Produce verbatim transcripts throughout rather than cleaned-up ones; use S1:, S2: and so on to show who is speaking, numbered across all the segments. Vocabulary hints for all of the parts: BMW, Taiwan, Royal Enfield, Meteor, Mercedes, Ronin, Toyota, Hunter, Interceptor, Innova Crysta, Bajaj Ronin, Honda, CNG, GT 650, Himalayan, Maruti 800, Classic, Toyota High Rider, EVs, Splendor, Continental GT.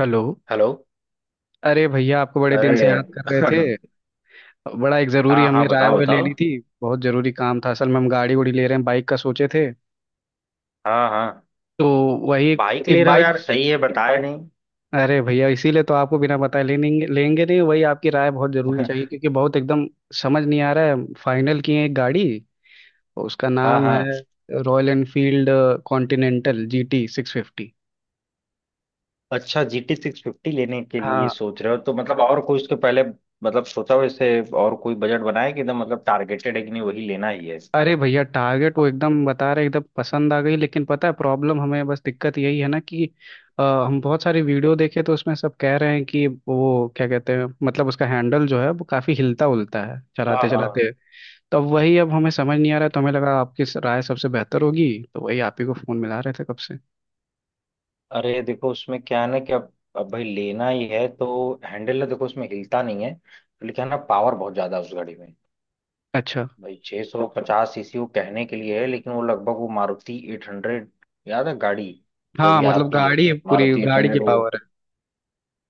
S1: Hello.
S2: Hello.
S1: अरे भैया आपको बड़े दिन से
S2: अरे
S1: याद कर रहे थे। बड़ा एक ज़रूरी
S2: हाँ
S1: हमें
S2: हाँ,
S1: राय
S2: बताओ
S1: वाय
S2: बताओ।
S1: लेनी थी। बहुत ज़रूरी काम था, असल में हम गाड़ी उड़ी ले रहे हैं, बाइक का सोचे थे।
S2: हाँ हाँ।
S1: तो वही एक,
S2: बाइक ले
S1: एक
S2: रहे हो
S1: बाइक।
S2: यार, सही है, बताया नहीं।
S1: अरे भैया इसीलिए तो आपको बिना बताए ले लेंगे, लेंगे नहीं, वही आपकी राय बहुत ज़रूरी चाहिए क्योंकि बहुत एकदम समझ नहीं आ रहा है। फाइनल किए हैं एक गाड़ी, उसका
S2: हाँ
S1: नाम है
S2: हाँ।
S1: Royal Enfield Continental G T six fifty.
S2: अच्छा, जी टी सिक्स फिफ्टी लेने के लिए
S1: हाँ।
S2: सोच रहे हो, तो मतलब और कोई उसके पहले मतलब सोचा हो इससे, और कोई बजट बनाया कि एकदम मतलब टारगेटेड है कि नहीं वही लेना ही है।
S1: अरे भैया टारगेट वो एकदम बता रहे, एकदम पसंद आ गई, लेकिन पता है प्रॉब्लम, हमें बस दिक्कत यही है ना कि अ, हम बहुत सारी वीडियो देखे तो उसमें सब कह रहे हैं कि वो क्या कहते हैं मतलब उसका हैंडल जो है वो काफी हिलता उलता है
S2: हाँ
S1: चलाते
S2: हाँ।
S1: चलाते। तो अब वही अब हमें समझ नहीं आ रहा है, तो हमें लगा आपकी राय सबसे बेहतर होगी। तो वही आप ही को फोन मिला रहे थे कब से।
S2: अरे देखो उसमें क्या है ना कि अब अब भाई लेना ही है तो हैंडल है, देखो उसमें हिलता नहीं है। लेकिन है ना, पावर बहुत ज्यादा है उस गाड़ी में।
S1: अच्छा।
S2: भाई छह सौ पचास सीसी वो कहने के लिए है, लेकिन वो लगभग वो मारुति एट हंड्रेड। याद है गाड़ी? जो
S1: हाँ
S2: भी
S1: मतलब
S2: आती है
S1: गाड़ी है, पूरी
S2: मारुति एट
S1: गाड़ी की
S2: हंड्रेड
S1: पावर है।
S2: वो।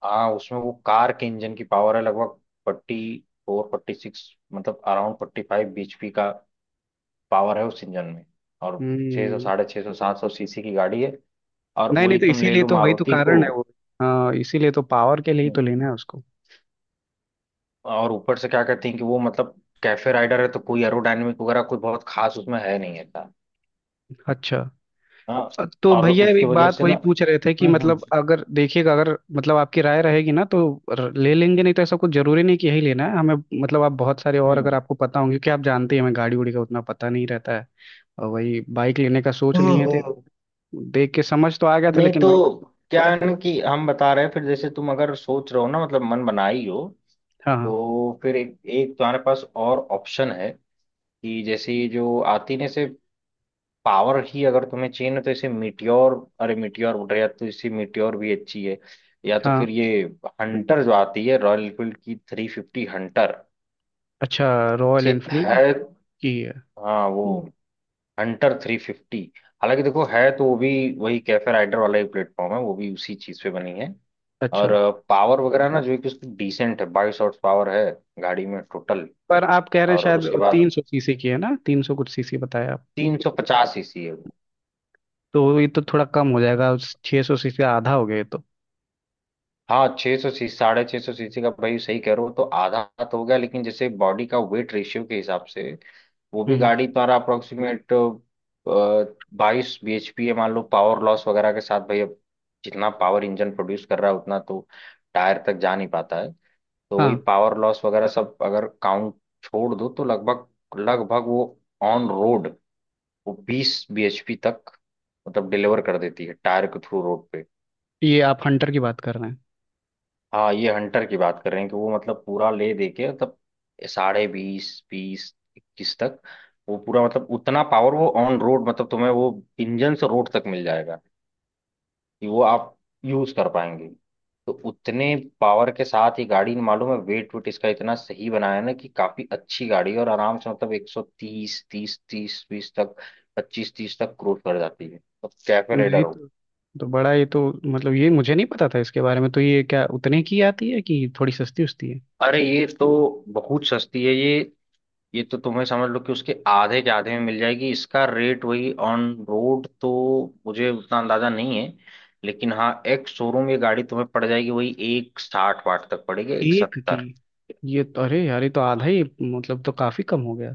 S2: हाँ उसमें वो कार के इंजन की पावर है लगभग फोर्टी, फोर फोर्टी सिक्स, मतलब around forty five B H P का पावर है उस इंजन में। और छह सौ,
S1: हम्म।
S2: साढ़े छह सौ, सात सौ सीसी की गाड़ी है। और
S1: नहीं नहीं,
S2: वही
S1: तो
S2: तुम ले
S1: इसीलिए
S2: लो
S1: तो वही तो
S2: मारुति को।
S1: कारण है वो। हाँ इसीलिए तो पावर के लिए ही तो लेना है उसको।
S2: और ऊपर से क्या कहते हैं कि वो मतलब कैफे राइडर है, तो कोई एरोडायनेमिक वगैरह कोई बहुत खास उसमें है नहीं है।
S1: अच्छा।
S2: हाँ।
S1: तो
S2: और
S1: भैया
S2: उसकी
S1: एक
S2: वजह
S1: बात
S2: से
S1: वही
S2: ना
S1: पूछ रहे थे कि
S2: हम्म हम्म।
S1: मतलब अगर देखिएगा, अगर मतलब आपकी राय रहेगी ना तो र- ले लेंगे, नहीं तो ऐसा कुछ जरूरी नहीं कि यही लेना है हमें। मतलब आप बहुत सारे और अगर
S2: हम्म।
S1: आपको पता होंगे क्योंकि आप जानते हैं, हमें गाड़ी उड़ी का उतना पता नहीं रहता है। और वही बाइक लेने का सोच लिए थे,
S2: हम्म।
S1: देख के समझ तो आ गया था
S2: नहीं
S1: लेकिन
S2: तो
S1: वही।
S2: क्या है ना, कि हम बता रहे हैं। फिर जैसे तुम अगर सोच रहे हो ना, मतलब मन बनाई हो,
S1: हाँ हाँ
S2: तो फिर एक एक तुम्हारे पास और ऑप्शन है। कि जैसे ये जो आती ने से पावर ही अगर तुम्हें चाहिए ना, तो इसे मीटियोर, अरे मीटियोर बोल रहे हैं, या तो इसी मीटियोर भी अच्छी है, या तो
S1: हाँ।
S2: फिर ये हंटर जो आती है रॉयल एनफील्ड की, थ्री फिफ्टी हंटर
S1: अच्छा, रॉयल
S2: से
S1: एनफील्ड
S2: है।
S1: की है।
S2: हाँ वो हंटर थ्री फिफ्टी। हालांकि देखो है तो वो भी वही कैफे राइडर वाला ही प्लेटफॉर्म है, वो भी उसी चीज पे बनी है। और
S1: अच्छा,
S2: पावर वगैरह ना जो है कि उसकी डिसेंट है, बाईस हॉर्स पावर है गाड़ी में टोटल।
S1: पर आप कह रहे हैं
S2: और
S1: शायद
S2: उसके
S1: तीन
S2: बाद
S1: सौ सीसी की है ना, तीन सौ कुछ सीसी बताया आप।
S2: तीन सौ पचास सीसी है वो।
S1: तो ये तो थोड़ा कम हो जाएगा, छः सौ सीसी आधा हो गया ये तो।
S2: हाँ छः सौ सीसी, साढ़े छः सौ सीसी का भाई, सही कह रहे हो तो आधा तो हो गया, लेकिन जैसे बॉडी का वेट रेशियो के हिसाब से वो
S1: हम्म
S2: भी
S1: हम्म।
S2: गाड़ी तुम्हारा अप्रोक्सीमेट बाईस bhp है। मान लो पावर लॉस वगैरह के साथ भाई, अब जितना पावर इंजन प्रोड्यूस कर रहा है उतना तो टायर तक जा नहीं पाता है। तो वही
S1: हाँ,
S2: पावर लॉस वगैरह सब अगर काउंट छोड़ दो, तो लगभग लगभग वो ऑन रोड वो बीस bhp तक मतलब डिलीवर कर देती है टायर के थ्रू रोड पे।
S1: ये आप हंटर की बात कर रहे हैं।
S2: हाँ ये हंटर की बात कर रहे हैं कि वो मतलब पूरा ले दे के मतलब साढ़े बीस, बीस, इक्कीस तक वो पूरा, मतलब उतना पावर वो ऑन रोड मतलब तुम्हें वो इंजन से रोड तक मिल जाएगा, कि वो आप यूज कर पाएंगे। तो उतने पावर के साथ ही गाड़ी, मालूम है वेट वेट इसका इतना सही बनाया है ना, कि काफी अच्छी गाड़ी है और आराम से मतलब एक सौ तीस, तीस, तीस, बीस तक, पच्चीस तीस तक क्रूज कर जाती है। तो कैफे
S1: नहीं
S2: रेडर हो।
S1: तो, तो बड़ा ये तो मतलब ये मुझे नहीं पता था इसके बारे में। तो ये क्या उतने की आती है कि थोड़ी सस्ती उस्ती है।
S2: अरे ये तो बहुत सस्ती है ये। ये तो तुम्हें समझ लो कि उसके आधे के आधे में मिल जाएगी। इसका रेट वही ऑन रोड तो मुझे उतना अंदाजा नहीं है, लेकिन हाँ एक्स शोरूम ये गाड़ी तुम्हें पड़ जाएगी वही एक साठ वाट तक पड़ेगी, एक
S1: एक की?
S2: सत्तर
S1: ये तो अरे यार ये तो आधा ही, मतलब तो काफी कम हो गया।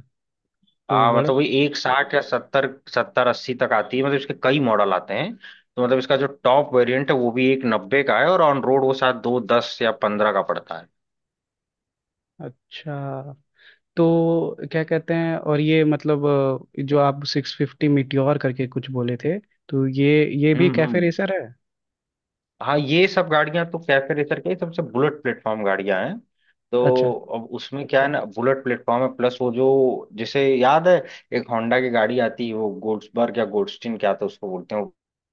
S1: तो
S2: हाँ
S1: बड़ा
S2: मतलब वही एक साठ या सत्तर, सत्तर अस्सी तक आती है, मतलब इसके कई मॉडल आते हैं, तो मतलब इसका जो टॉप वेरिएंट है वो भी एक नब्बे का है, और ऑन रोड वो शायद दो दस या पंद्रह का पड़ता है।
S1: अच्छा। तो क्या कहते हैं और ये मतलब अ, जो आप सिक्स फिफ्टी मिट्योर करके कुछ बोले थे, तो ये ये भी
S2: हम्म
S1: कैफे
S2: हम्म।
S1: रेसर है?
S2: हाँ ये सब गाड़ियां तो कैफे रेसर के ही सबसे बुलेट प्लेटफॉर्म गाड़ियां हैं।
S1: अच्छा।
S2: तो अब उसमें क्या है ना, बुलेट प्लेटफॉर्म है प्लस वो जो, जैसे याद है एक होंडा की गाड़ी आती है वो गोड्सबर्ग या गोडस्टीन क्या आता है, उसको बोलते हैं वो।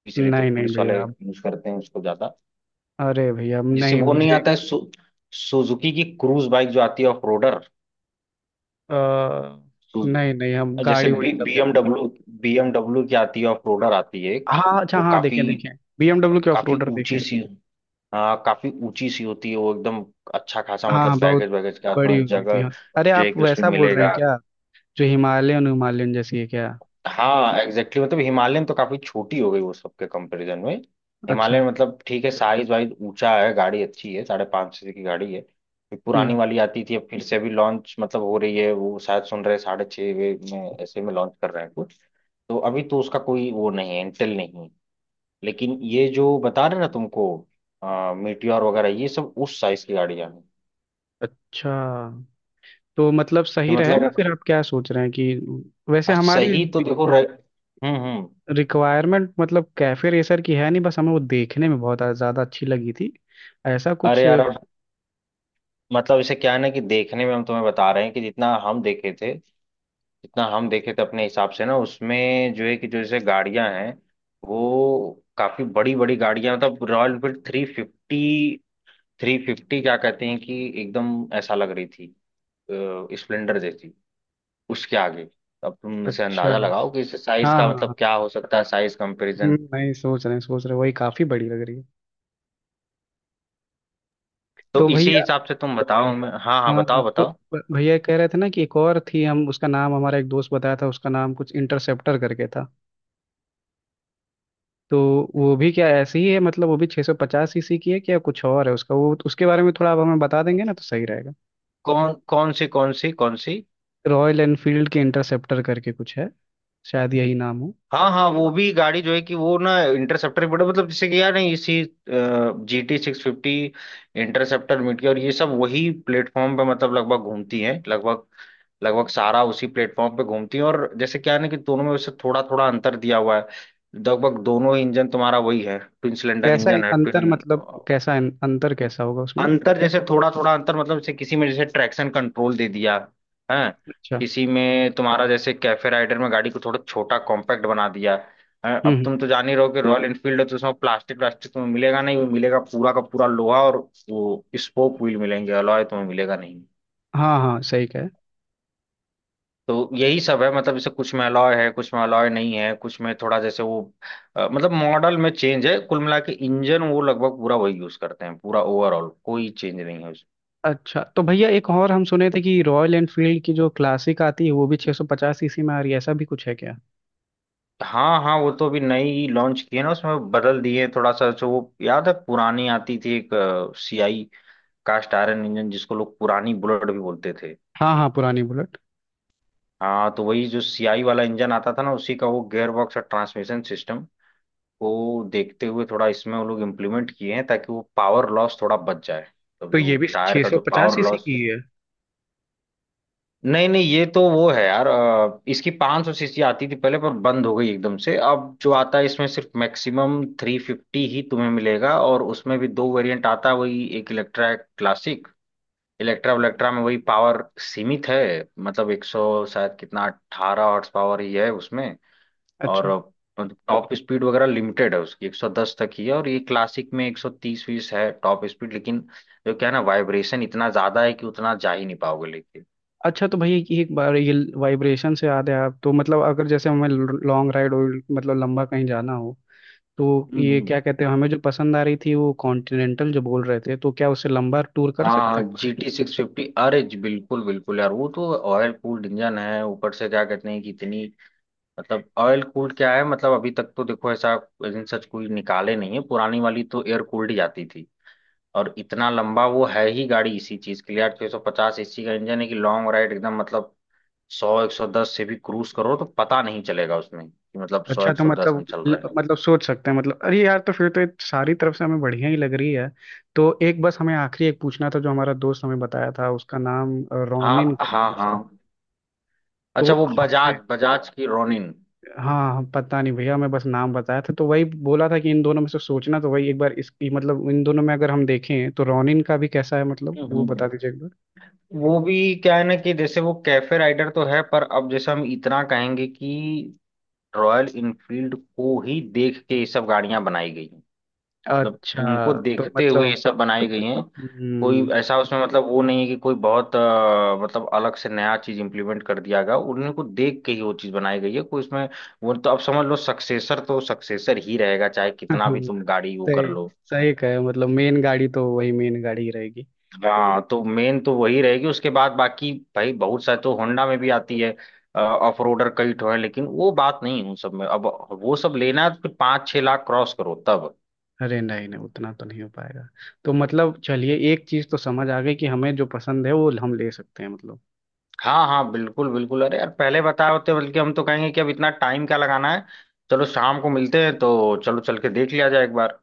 S2: पीछे रहती है,
S1: नहीं नहीं
S2: पुलिस वाले
S1: भैया अब-,
S2: यूज करते हैं उसको ज्यादा।
S1: अरे भैया अब
S2: जैसे
S1: नहीं
S2: वो नहीं
S1: मुझे
S2: आता है सु, सुजुकी की क्रूज बाइक जो आती है ऑफ रोडर।
S1: अ, नहीं नहीं, हम
S2: जैसे
S1: गाड़ी उड़ी
S2: बी
S1: कब जानी है।
S2: बीएमडब्ल्यू बीएमडब्ल्यू की आती है ऑफ रोडर आती है एक,
S1: हाँ अच्छा,
S2: वो
S1: हाँ
S2: काफी,
S1: देखें देखें, बीएमडब्ल्यू के ऑफ
S2: काफी
S1: रोडर
S2: ऊंची
S1: देखें।
S2: सी। हाँ काफी ऊंची सी होती है वो एकदम। अच्छा खासा
S1: हाँ हाँ,
S2: मतलब
S1: बहुत
S2: बैगेज वैगेज का
S1: बड़ी
S2: तुम्हें
S1: हो गई थी
S2: जगह
S1: हाँ। अरे
S2: जो है
S1: आप
S2: कि उसमें
S1: वैसा बोल रहे हैं
S2: मिलेगा।
S1: क्या, जो हिमालयन हिमालयन जैसी है क्या।
S2: हाँ एग्जैक्टली, exactly, मतलब हिमालयन तो काफी छोटी हो गई वो सबके कंपैरिजन में।
S1: अच्छा।
S2: हिमालयन मतलब ठीक है, साइज वाइज ऊंचा है, गाड़ी अच्छी है, साढ़े पाँच सौ की गाड़ी है। फिर पुरानी
S1: हम्म।
S2: वाली आती थी, अब फिर से अभी लॉन्च मतलब हो रही है वो, शायद सुन रहे हैं साढ़े छः में ऐसे में लॉन्च कर रहे हैं कुछ। तो अभी तो उसका कोई वो नहीं है, इंटेल नहीं है। लेकिन ये जो बता रहे ना तुमको आ, मीटियोर वगैरह ये सब उस साइज की गाड़ियां हैं।
S1: अच्छा, तो मतलब
S2: कि
S1: सही रहेगा
S2: मतलब
S1: फिर, आप क्या सोच रहे हैं कि वैसे हमारी
S2: सही तो देखो रह... हम्म हम्म।
S1: रिक्वायरमेंट मतलब कैफे रेसर की है नहीं, बस हमें वो देखने में बहुत ज़्यादा अच्छी लगी थी, ऐसा
S2: अरे
S1: कुछ।
S2: यार अब मतलब इसे क्या है ना कि देखने में हम तुम्हें बता रहे हैं कि जितना हम देखे थे, जितना हम देखे थे अपने हिसाब से ना, उसमें जो है कि जो जैसे गाड़ियां हैं वो काफी बड़ी बड़ी गाड़ियां, मतलब Royal Enfield three fifty, three fifty क्या कहते हैं कि एकदम ऐसा लग रही थी अ, स्प्लेंडर जैसी उसके आगे। अब तुम इसे
S1: अच्छा।
S2: अंदाजा लगाओ कि इस साइज
S1: हाँ
S2: का
S1: हाँ हाँ।
S2: मतलब क्या हो सकता है, साइज
S1: हम्म,
S2: कंपैरिजन।
S1: नहीं सोच रहे हैं सोच रहे हैं, वही काफ़ी बड़ी लग रही है।
S2: तो
S1: तो
S2: इसी
S1: भैया,
S2: हिसाब से तुम बताओ हमें। हाँ हाँ,
S1: हाँ हाँ
S2: बताओ
S1: तो
S2: बताओ।
S1: भ- भैया कह रहे थे ना कि एक और थी, हम उसका नाम, हमारा एक दोस्त बताया था, उसका नाम कुछ इंटरसेप्टर करके था। तो वो भी क्या ऐसी ही है, मतलब वो भी छह सौ पचास सीसी की है क्या, कुछ और है उसका? वो उसके बारे में थोड़ा आप हमें बता देंगे ना तो सही रहेगा।
S2: कौन कौन सी, कौन सी, कौन सी?
S1: रॉयल एनफील्ड के इंटरसेप्टर करके कुछ है, शायद यही नाम हो।
S2: हाँ हाँ वो भी गाड़ी जो है कि वो ना, इंटरसेप्टर बड़ा मतलब जैसे कि यार नहीं इसी G T six fifty, Interceptor mid और ये सब वही प्लेटफॉर्म पे मतलब लगभग घूमती हैं, लगभग लगभग सारा उसी प्लेटफॉर्म पे घूमती हैं। और जैसे क्या है ना, कि दोनों में वैसे थोड़ा थोड़ा अंतर दिया हुआ है। लगभग दोनों इंजन तुम्हारा वही है, ट्विन सिलेंडर
S1: कैसा है-
S2: इंजन है,
S1: अंतर
S2: ट्विन।
S1: मतलब कैसा है- अंतर कैसा होगा उसमें?
S2: अंतर जैसे थोड़ा थोड़ा अंतर, मतलब जैसे किसी में जैसे ट्रैक्शन कंट्रोल दे दिया है।
S1: अच्छा।
S2: किसी में तुम्हारा जैसे कैफे राइडर में गाड़ी को थोड़ा छोटा कॉम्पैक्ट बना दिया हैं?
S1: हम्म
S2: अब
S1: हम्म,
S2: तुम तो जान ही रहो कि रॉयल एनफील्ड है, तो उसमें प्लास्टिक व्लास्टिक तुम्हें मिलेगा नहीं, वो मिलेगा पूरा का पूरा लोहा। और वो स्पोक व्हील मिलेंगे, अलॉय तुम्हें मिलेगा नहीं।
S1: हाँ हाँ सही कहे।
S2: तो यही सब है, मतलब जैसे कुछ में अलॉय है, कुछ में अलॉय नहीं है, कुछ में थोड़ा जैसे वो अ, मतलब मॉडल में चेंज है। कुल मिला के इंजन वो लगभग पूरा वही यूज करते हैं, पूरा ओवरऑल कोई चेंज नहीं है उसमें।
S1: अच्छा तो भैया एक और हम सुने थे कि रॉयल एनफील्ड की जो क्लासिक आती है वो भी छह सौ पचास सीसी में आ रही है, ऐसा भी कुछ है क्या?
S2: हाँ हाँ वो तो अभी नई लॉन्च की है ना, उसमें बदल दिए हैं थोड़ा सा। जो वो याद है पुरानी आती थी एक सी आई, कास्ट आयरन इंजन जिसको लोग पुरानी बुलेट भी बोलते थे।
S1: हाँ हाँ पुरानी बुलेट।
S2: हाँ तो वही जो सी आई वाला इंजन आता था ना, उसी का वो गियर बॉक्स और ट्रांसमिशन सिस्टम को देखते हुए थोड़ा इसमें वो लोग इम्प्लीमेंट किए हैं, ताकि वो पावर लॉस थोड़ा बच जाए। तो
S1: तो ये
S2: जो
S1: भी
S2: टायर का जो
S1: छह सौ पचास
S2: पावर
S1: सीसी
S2: लॉस,
S1: की ही है?
S2: नहीं नहीं ये तो वो है यार, अ, इसकी पाँच सौ सीसी आती थी पहले, पर बंद हो गई एकदम से। अब जो आता है इसमें सिर्फ मैक्सिमम तीन सौ पचास ही तुम्हें मिलेगा, और उसमें भी दो वेरिएंट आता है वही, एक इलेक्ट्रा एक क्लासिक। इलेक्ट्रा इलेक्ट्रा में वही पावर सीमित है, मतलब एक सौ शायद कितना अठारह हॉर्स पावर ही है उसमें। और
S1: अच्छा।
S2: टॉप स्पीड वगैरह लिमिटेड है उसकी, एक सौ दस तक ही है। और ये क्लासिक में एक सौ तीस फीस है टॉप स्पीड, लेकिन जो क्या है ना, वाइब्रेशन इतना ज्यादा है कि उतना जा ही नहीं पाओगे लेकिन।
S1: अच्छा तो भाई ये एक बार ये वाइब्रेशन से याद है आप, तो मतलब अगर जैसे हमें लॉन्ग राइड और मतलब लंबा कहीं जाना हो तो ये
S2: हम्म।
S1: क्या कहते हैं, हमें जो पसंद आ रही थी वो कॉन्टिनेंटल जो बोल रहे थे, तो क्या उससे लंबा टूर कर सकते
S2: हाँ
S1: हैं?
S2: जी टी सिक्स फिफ्टी, अरे जी, बिल्कुल बिल्कुल यार, वो तो ऑयल कूल्ड इंजन है। ऊपर से क्या कहते हैं कि इतनी, मतलब ऑयल कूल्ड क्या है, मतलब अभी तक तो देखो ऐसा इंजन सच कोई निकाले नहीं है, पुरानी वाली तो एयर कूल्ड ही आती थी। और इतना लंबा वो है ही गाड़ी इसी चीज के लिए यार, छह सौ पचास एसी का इंजन है, कि लॉन्ग राइड एकदम मतलब सौ एक सौ दस से भी क्रूज करो तो पता नहीं चलेगा उसमें कि मतलब सौ
S1: अच्छा
S2: एक
S1: तो
S2: सौ दस हम
S1: मतलब,
S2: चल रहे हैं।
S1: मतलब सोच सकते हैं? मतलब अरे यार तो फिर तो ये सारी तरफ से हमें बढ़िया ही लग रही है। तो एक बस हमें आखिरी एक पूछना था, जो हमारा दोस्त हमें बताया था उसका नाम अ, रोनिन
S2: हाँ
S1: करके
S2: हाँ
S1: कुछ था।
S2: हाँ।
S1: तो
S2: अच्छा वो
S1: हमें
S2: बजाज बजाज की रोनिन।
S1: हाँ हाँ, पता नहीं भैया, मैं बस नाम बताया था तो वही बोला था कि इन दोनों में से सोचना। तो वही एक बार इसकी, मतलब इन दोनों में अगर हम देखें, तो रोनिन का भी कैसा है मतलब वो
S2: हम्म।
S1: बता दीजिए एक बार।
S2: वो भी क्या है ना कि जैसे वो कैफे राइडर तो है, पर अब जैसे हम इतना कहेंगे कि रॉयल इनफील्ड को ही देख के ये सब गाड़ियां बनाई गई हैं। मतलब
S1: अच्छा
S2: उनको
S1: तो
S2: देखते हुए
S1: मतलब।
S2: ये सब बनाई गई हैं। कोई
S1: हम्म।
S2: ऐसा उसमें मतलब वो नहीं है कि कोई बहुत अ, मतलब अलग से नया चीज इंप्लीमेंट कर दिया गया। उन्हीं को देख के ही वो चीज बनाई गई है, कोई उसमें वो तो अब समझ लो सक्सेसर तो सक्सेसर ही रहेगा चाहे कितना भी तुम गाड़ी वो कर
S1: सही,
S2: लो।
S1: सही कहे, मतलब मेन गाड़ी तो वही मेन गाड़ी ही रहेगी।
S2: हाँ तो मेन तो वही रहेगी, उसके बाद बाकी भाई बहुत सारे तो होंडा में भी आती है, ऑफ रोडर कई ठो है लेकिन वो बात नहीं है उन सब में। अब वो सब लेना है तो फिर पाँच छह लाख क्रॉस करो तब।
S1: अरे नहीं नहीं उतना तो नहीं हो पाएगा। तो मतलब चलिए, एक चीज तो समझ आ गई कि हमें जो पसंद है वो हम ले सकते हैं मतलब।
S2: हाँ हाँ बिल्कुल बिल्कुल, अरे यार पहले बताए होते। बल्कि हम तो कहेंगे कि अब इतना टाइम क्या लगाना है, चलो शाम को मिलते हैं तो चलो चल के देख लिया जाए एक बार।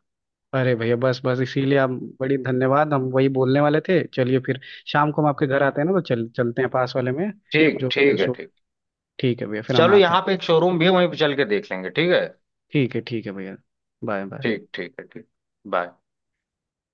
S1: अरे भैया बस बस इसीलिए आप, बड़ी धन्यवाद, हम वही बोलने वाले थे। चलिए फिर, शाम को हम आपके घर आते हैं ना तो चल चलते हैं पास वाले में।
S2: ठीक
S1: जो
S2: ठीक है,
S1: सो,
S2: ठीक।
S1: ठीक है भैया, फिर हम
S2: चलो
S1: आते हैं।
S2: यहाँ पे एक शोरूम भी है वहीं पे चल के देख लेंगे, ठीक है।
S1: ठीक है, ठीक है भैया। Bye bye.
S2: ठीक ठीक है ठीक। बाय।